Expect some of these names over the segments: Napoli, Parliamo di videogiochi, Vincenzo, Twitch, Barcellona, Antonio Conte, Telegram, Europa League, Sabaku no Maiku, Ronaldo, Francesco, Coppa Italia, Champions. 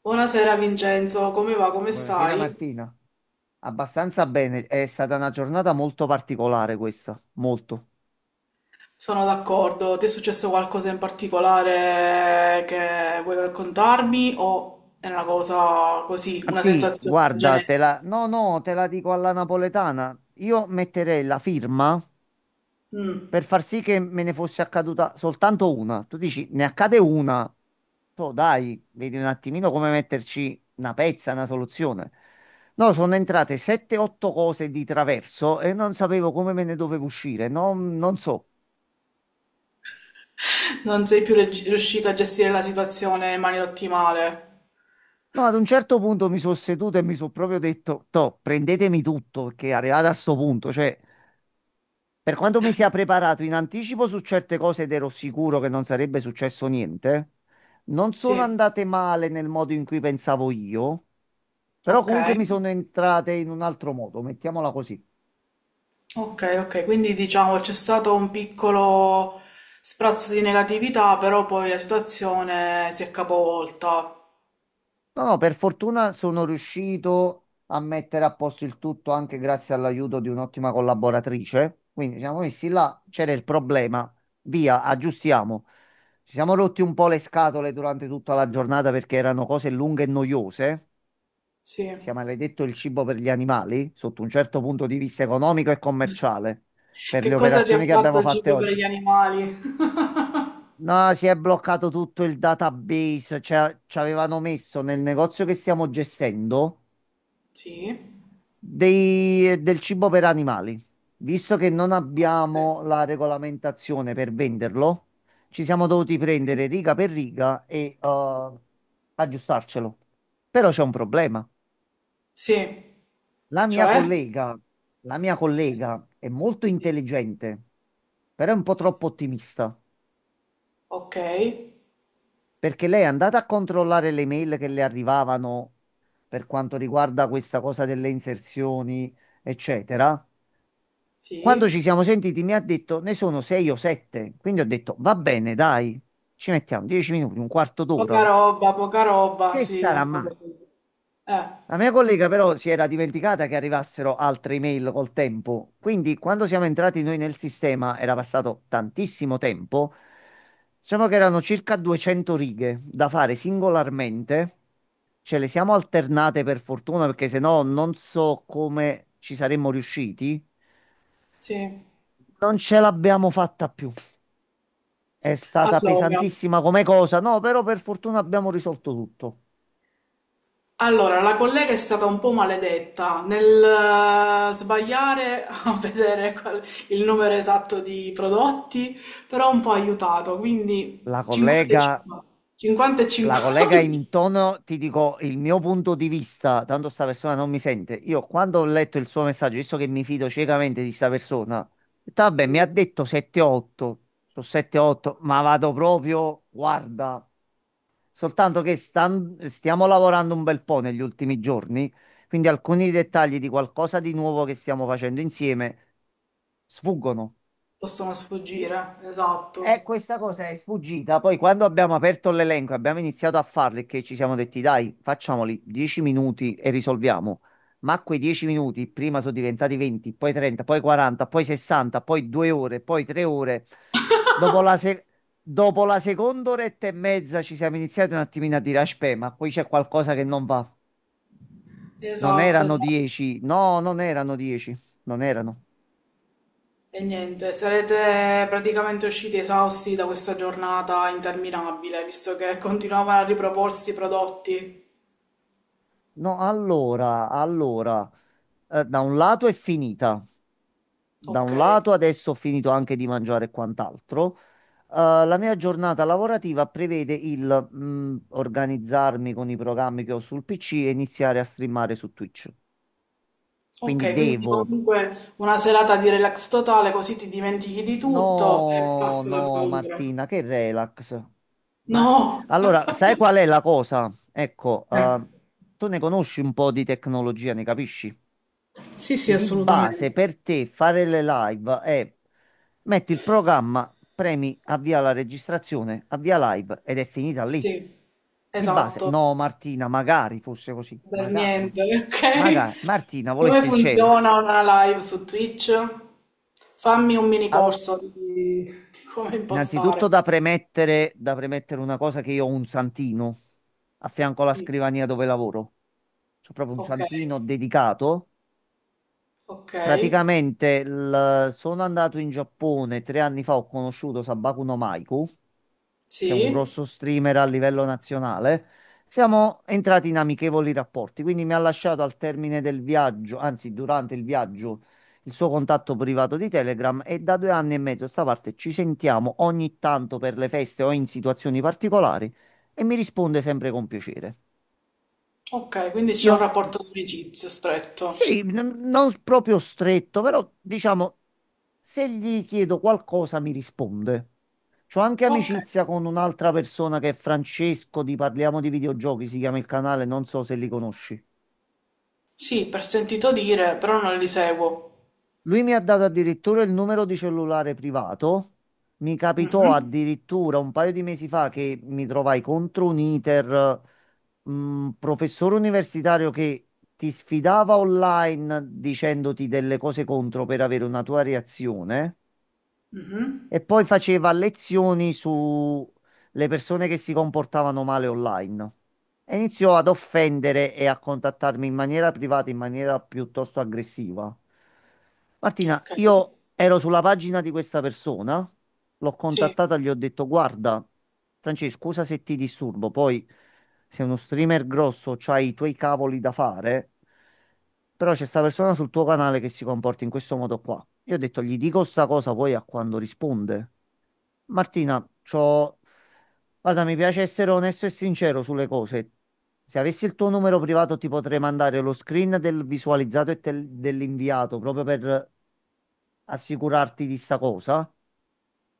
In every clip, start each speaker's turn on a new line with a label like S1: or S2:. S1: Buonasera Vincenzo, come va? Come
S2: Buonasera
S1: stai?
S2: Martina, abbastanza bene, è stata una giornata molto particolare questa, molto.
S1: Sono d'accordo. Ti è successo qualcosa in particolare che vuoi raccontarmi o è una cosa così, una
S2: Martì,
S1: sensazione
S2: guarda,
S1: generica?
S2: No, no, te la dico alla napoletana, io metterei la firma
S1: Mm.
S2: per far sì che me ne fosse accaduta soltanto una. Tu dici, ne accade una, tu dai, vedi un attimino come metterci una pezza, una soluzione. No, sono entrate 7-8 cose di traverso e non sapevo come me ne dovevo uscire, non so.
S1: Non sei più riuscito a gestire la situazione in maniera ottimale?
S2: No, ad un certo punto mi sono seduto e mi sono proprio detto, toh, prendetemi tutto, perché è arrivato a sto punto, cioè, per quanto mi sia preparato in anticipo su certe cose ed ero sicuro che non sarebbe successo niente, non sono
S1: Sì.
S2: andate male nel modo in cui pensavo io, però
S1: Ok.
S2: comunque mi sono entrate in un altro modo, mettiamola così.
S1: Ok, ok. Quindi diciamo c'è stato un piccolo sprazzo di negatività, però poi la situazione si è capovolta.
S2: No, no, per fortuna sono riuscito a mettere a posto il tutto anche grazie all'aiuto di un'ottima collaboratrice. Quindi ci siamo messi là, c'era il problema, via, aggiustiamo. Ci siamo rotti un po' le scatole durante tutta la giornata perché erano cose lunghe e noiose.
S1: Sì.
S2: Si è maledetto il cibo per gli animali, sotto un certo punto di vista economico e commerciale, per le
S1: Che cosa ti ha
S2: operazioni che
S1: fatto
S2: abbiamo
S1: il
S2: fatte
S1: cibo per
S2: oggi.
S1: gli animali?
S2: No, si è bloccato tutto il database, cioè ci avevano messo nel negozio che stiamo gestendo
S1: Sì.
S2: del cibo per animali. Visto che non
S1: Beh.
S2: abbiamo la regolamentazione per venderlo, ci siamo dovuti prendere riga per riga e aggiustarcelo. Però c'è un problema.
S1: Sì,
S2: La mia
S1: cioè?
S2: collega, la mia collega è molto
S1: Sì.
S2: intelligente, però è un po'
S1: Sì.
S2: troppo ottimista,
S1: Ok,
S2: perché lei è andata a controllare le mail che le arrivavano per quanto riguarda questa cosa delle inserzioni, eccetera. Quando ci
S1: sì.
S2: siamo sentiti mi ha detto ne sono sei o sette, quindi ho detto va bene, dai, ci mettiamo 10 minuti, un quarto d'ora,
S1: Poca roba,
S2: che
S1: sì.
S2: sarà mai?
S1: Ricordo. Eh,
S2: La mia collega però si era dimenticata che arrivassero altre email col tempo, quindi quando siamo entrati noi nel sistema era passato tantissimo tempo, diciamo che erano circa 200 righe da fare singolarmente, ce le siamo alternate per fortuna perché sennò non so come ci saremmo riusciti,
S1: sì.
S2: non ce l'abbiamo fatta più. È stata
S1: Allora,
S2: pesantissima come cosa, no, però per fortuna abbiamo risolto tutto.
S1: allora, la collega è stata un po' maledetta nel sbagliare a vedere il numero esatto di prodotti, però un po' ha aiutato, quindi
S2: La
S1: 50 e
S2: collega,
S1: 50. 50 e
S2: la
S1: 50.
S2: collega in tono, ti dico il mio punto di vista, tanto sta persona non mi sente. Io quando ho letto il suo messaggio, visto che mi fido ciecamente di sta persona, ho detto, vabbè, mi ha
S1: Sì,
S2: detto 7-8, sono 7-8, ma vado proprio, guarda, soltanto che stiamo lavorando un bel po' negli ultimi giorni, quindi alcuni dettagli di qualcosa di nuovo che stiamo facendo insieme sfuggono.
S1: possono sfuggire,
S2: E
S1: esatto.
S2: questa cosa è sfuggita. Poi quando abbiamo aperto l'elenco, e abbiamo iniziato a farli, che ci siamo detti, dai, facciamoli 10 minuti e risolviamo. Ma quei 10 minuti prima sono diventati 20, poi 30, poi 40, poi 60, poi 2 ore, poi 3 ore. Dopo la, se- Dopo la seconda oretta e mezza ci siamo iniziati un attimino a dire, aspetta, ma qui c'è qualcosa che non va. Non
S1: Esatto,
S2: erano
S1: esatto.
S2: 10, no, non erano 10, non erano.
S1: E niente, sarete praticamente usciti esausti da questa giornata interminabile, visto che continuavano a riproporsi i prodotti.
S2: No, allora, allora, da un lato è finita. Da
S1: Ok,
S2: un lato, adesso ho finito anche di mangiare e quant'altro. Eh, la mia giornata lavorativa prevede il organizzarmi con i programmi che ho sul PC e iniziare a streamare su Twitch. Quindi
S1: ok, quindi
S2: devo.
S1: comunque una serata di relax totale, così ti dimentichi di tutto e
S2: No,
S1: passa la
S2: no,
S1: paura.
S2: Martina, che relax. Ma
S1: No!
S2: allora, sai qual è la cosa? Ecco,
S1: Eh,
S2: tu ne conosci un po' di tecnologia, ne capisci?
S1: sì, sì,
S2: Di base
S1: assolutamente.
S2: per te fare le live è metti il programma, premi avvia la registrazione, avvia live ed è finita lì.
S1: Sì,
S2: Di base,
S1: esatto,
S2: no Martina, magari fosse così,
S1: per
S2: magari,
S1: niente, ok?
S2: magari Martina
S1: Come
S2: volesse il cielo.
S1: funziona una live su Twitch? Fammi un mini
S2: Al-
S1: corso di come
S2: Innanzitutto
S1: impostare.
S2: da premettere una cosa che io ho un santino a fianco alla
S1: Mm.
S2: scrivania dove lavoro. C'ho proprio un
S1: Ok,
S2: santino dedicato.
S1: ok,
S2: Praticamente sono andato in Giappone 3 anni fa, ho conosciuto Sabaku no Maiku che è un
S1: sì,
S2: grosso streamer a livello nazionale, siamo entrati in amichevoli rapporti. Quindi mi ha lasciato al termine del viaggio, anzi durante il viaggio, il suo contatto privato di Telegram e da 2 anni e mezzo a sta parte ci sentiamo ogni tanto per le feste o in situazioni particolari e mi risponde sempre con piacere.
S1: ok, quindi c'è
S2: Io
S1: un rapporto di amicizia
S2: sì,
S1: stretto.
S2: non proprio stretto, però diciamo, se gli chiedo qualcosa mi risponde. C'ho anche
S1: Ok,
S2: amicizia con un'altra persona che è Francesco, di Parliamo di videogiochi, si chiama il canale, non so se li conosci.
S1: sì, per sentito dire, però non li seguo.
S2: Lui mi ha dato addirittura il numero di cellulare privato. Mi capitò
S1: Mhm.
S2: addirittura un paio di mesi fa che mi trovai contro un iter, un professore universitario che ti sfidava online dicendoti delle cose contro per avere una tua reazione.
S1: Mhm.
S2: E poi faceva lezioni su le persone che si comportavano male online. E iniziò ad offendere e a contattarmi in maniera privata, in maniera piuttosto aggressiva. Martina,
S1: Ok,
S2: io ero sulla pagina di questa persona, l'ho
S1: sì,
S2: contattata, gli ho detto: guarda, Francesco, scusa se ti disturbo, poi sei uno streamer grosso, c'hai i tuoi cavoli da fare, però c'è sta persona sul tuo canale che si comporta in questo modo qua. Io ho detto, gli dico sta cosa poi a quando risponde. Martina, guarda, mi piace essere onesto e sincero sulle cose. Se avessi il tuo numero privato ti potrei mandare lo screen del visualizzato e dell'inviato proprio per assicurarti di sta cosa.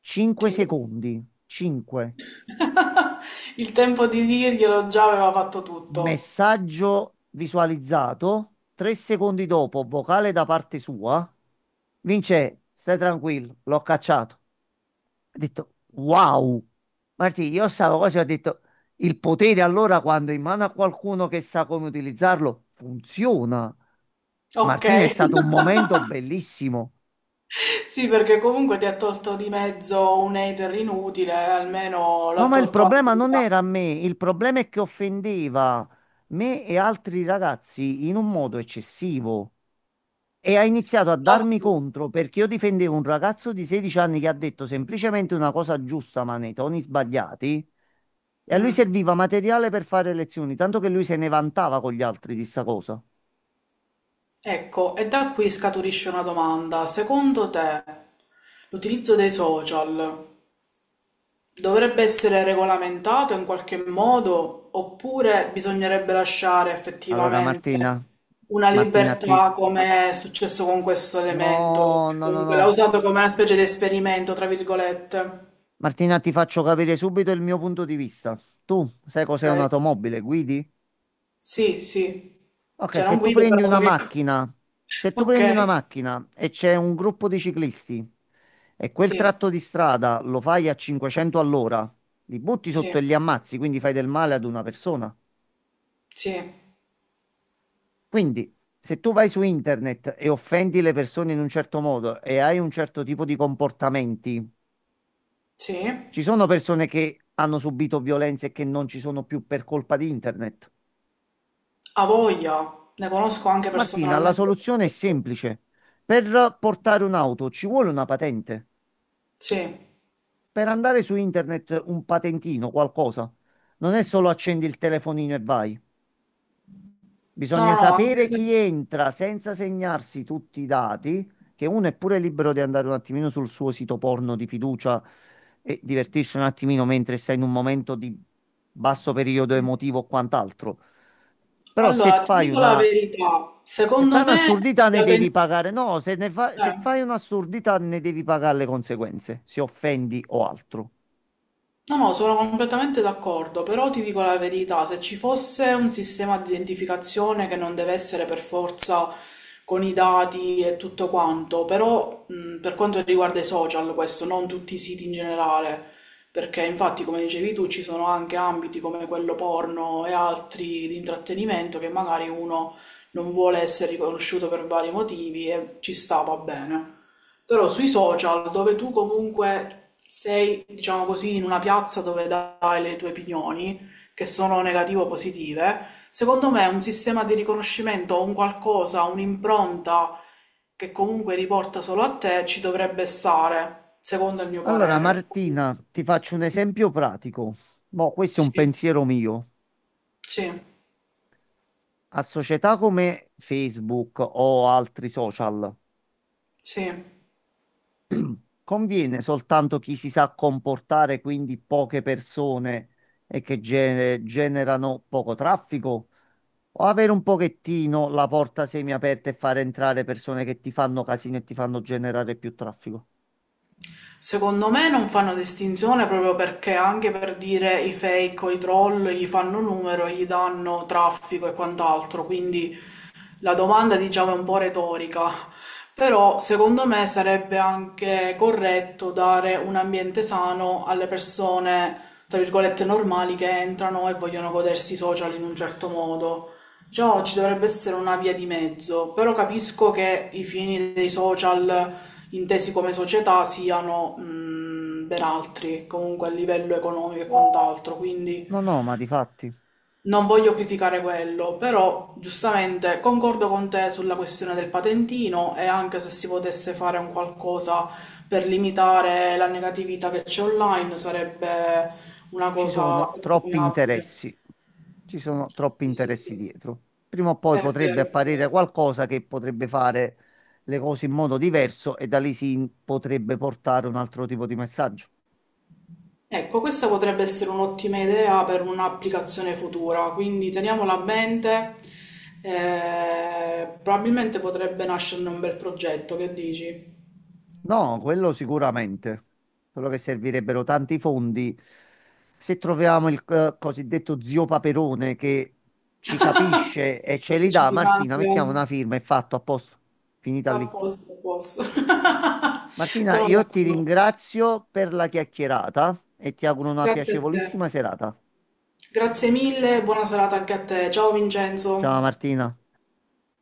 S2: 5
S1: sì.
S2: secondi. 5.
S1: Il tempo di dirglielo già aveva fatto tutto.
S2: Messaggio visualizzato. 3 secondi dopo, vocale da parte sua. Vince, stai tranquillo, l'ho cacciato. Ho detto, wow. Martì, io stavo così, ho detto, il potere allora quando è in mano a qualcuno che sa come utilizzarlo, funziona.
S1: Ok.
S2: Martino, è stato un momento bellissimo.
S1: Sì, perché comunque ti ha tolto di mezzo un hater inutile, almeno
S2: No,
S1: l'ha
S2: ma il
S1: tolto anche.
S2: problema non era me, il problema è che offendeva me e altri ragazzi in un modo eccessivo. E ha iniziato a
S1: da-
S2: darmi contro perché io difendevo un ragazzo di 16 anni che ha detto semplicemente una cosa giusta, ma nei toni sbagliati. E a lui
S1: Mm.
S2: serviva materiale per fare lezioni, tanto che lui se ne vantava con gli altri di sta cosa.
S1: Ecco, e da qui scaturisce una domanda. Secondo te, l'utilizzo dei social dovrebbe essere regolamentato in qualche modo oppure bisognerebbe lasciare
S2: Allora,
S1: effettivamente
S2: Martina,
S1: una
S2: Martina, ti...
S1: libertà come è successo con questo elemento?
S2: No, no, no,
S1: Comunque l'ha
S2: no.
S1: usato come una specie di esperimento, tra virgolette.
S2: Martina, ti faccio capire subito il mio punto di vista. Tu sai cos'è
S1: Ok.
S2: un'automobile? Guidi?
S1: Sì, sì.
S2: Ok,
S1: Cioè non
S2: se tu
S1: guido,
S2: prendi
S1: però
S2: una
S1: so che...
S2: macchina, se tu
S1: Ok,
S2: prendi una macchina e c'è un gruppo di ciclisti e quel
S1: sì,
S2: tratto di strada lo fai a 500 all'ora, li butti sotto
S1: sì,
S2: e li ammazzi, quindi fai del male ad una persona.
S1: sì,
S2: Quindi, se tu vai su internet e offendi le persone in un certo modo e hai un certo tipo di comportamenti,
S1: sì.
S2: ci sono persone che hanno subito violenze e che non ci sono più per colpa di internet.
S1: A voglia, ne conosco anche
S2: Martina, la
S1: personalmente.
S2: soluzione è semplice. Per portare un'auto ci vuole una patente.
S1: Sì, no,
S2: Per andare su internet un patentino, qualcosa, non è solo accendi il telefonino e vai.
S1: no,
S2: Bisogna
S1: no, anche...
S2: sapere chi entra senza segnarsi tutti i dati, che uno è pure libero di andare un attimino sul suo sito porno di fiducia e divertirsi un attimino mentre sei in un momento di basso periodo
S1: sì.
S2: emotivo o quant'altro. Però
S1: Allora, ti dico la verità,
S2: se fai
S1: secondo me...
S2: un'assurdità ne devi pagare. No, se
S1: Eh.
S2: fai un'assurdità ne devi pagare le conseguenze, se offendi o altro.
S1: No, no, sono completamente d'accordo, però ti dico la verità, se ci fosse un sistema di identificazione che non deve essere per forza con i dati e tutto quanto, però per quanto riguarda i social, questo, non tutti i siti in generale, perché infatti, come dicevi tu, ci sono anche ambiti come quello porno e altri di intrattenimento che magari uno non vuole essere riconosciuto per vari motivi e ci sta, va bene. Però sui social, dove tu comunque sei, diciamo così, in una piazza dove dai le tue opinioni, che sono negative o positive, secondo me un sistema di riconoscimento, un qualcosa, un'impronta che comunque riporta solo a te, ci dovrebbe stare, secondo il mio
S2: Allora,
S1: parere.
S2: Martina, ti faccio un esempio pratico. Boh, questo è un
S1: Sì,
S2: pensiero mio.
S1: sì,
S2: A società come Facebook o altri social,
S1: sì.
S2: conviene soltanto chi si sa comportare, quindi poche persone e che generano poco traffico, o avere un pochettino la porta semiaperta e far entrare persone che ti fanno casino e ti fanno generare più traffico?
S1: Secondo me non fanno distinzione proprio perché anche per dire i fake o i troll gli fanno numero, gli danno traffico e quant'altro, quindi la domanda diciamo è un po' retorica, però secondo me sarebbe anche corretto dare un ambiente sano alle persone, tra virgolette, normali che entrano e vogliono godersi i social in un certo modo. Già ci dovrebbe essere una via di mezzo, però capisco che i fini dei social intesi come società siano mm, ben altri, comunque a livello economico e quant'altro,
S2: No,
S1: quindi...
S2: no, ma di fatti
S1: Non voglio criticare quello, però giustamente concordo con te sulla questione del patentino e anche se si potesse fare un qualcosa per limitare la negatività che c'è online sarebbe una
S2: ci
S1: cosa
S2: sono troppi
S1: abominabile.
S2: interessi. Ci sono troppi
S1: Sì, sì,
S2: interessi
S1: sì.
S2: dietro. Prima o poi
S1: È
S2: potrebbe
S1: vero, è
S2: apparire
S1: vero.
S2: qualcosa che potrebbe fare le cose in modo diverso e da lì potrebbe portare un altro tipo di messaggio.
S1: Ecco, questa potrebbe essere un'ottima idea per un'applicazione futura, quindi teniamola a mente. Eh, probabilmente potrebbe nascerne un bel progetto, che dici?
S2: No, quello sicuramente. Quello che servirebbero tanti fondi. Se troviamo il cosiddetto zio Paperone che ci capisce e ce li dà, Martina,
S1: Specificante.
S2: mettiamo una firma e fatto a posto. Finita
S1: A
S2: lì.
S1: posto, a posto.
S2: Martina,
S1: Sono
S2: io ti
S1: d'accordo.
S2: ringrazio per la chiacchierata e ti auguro una
S1: Grazie a te.
S2: piacevolissima serata.
S1: Grazie mille, buona serata anche a te. Ciao
S2: Ciao
S1: Vincenzo.
S2: Martina.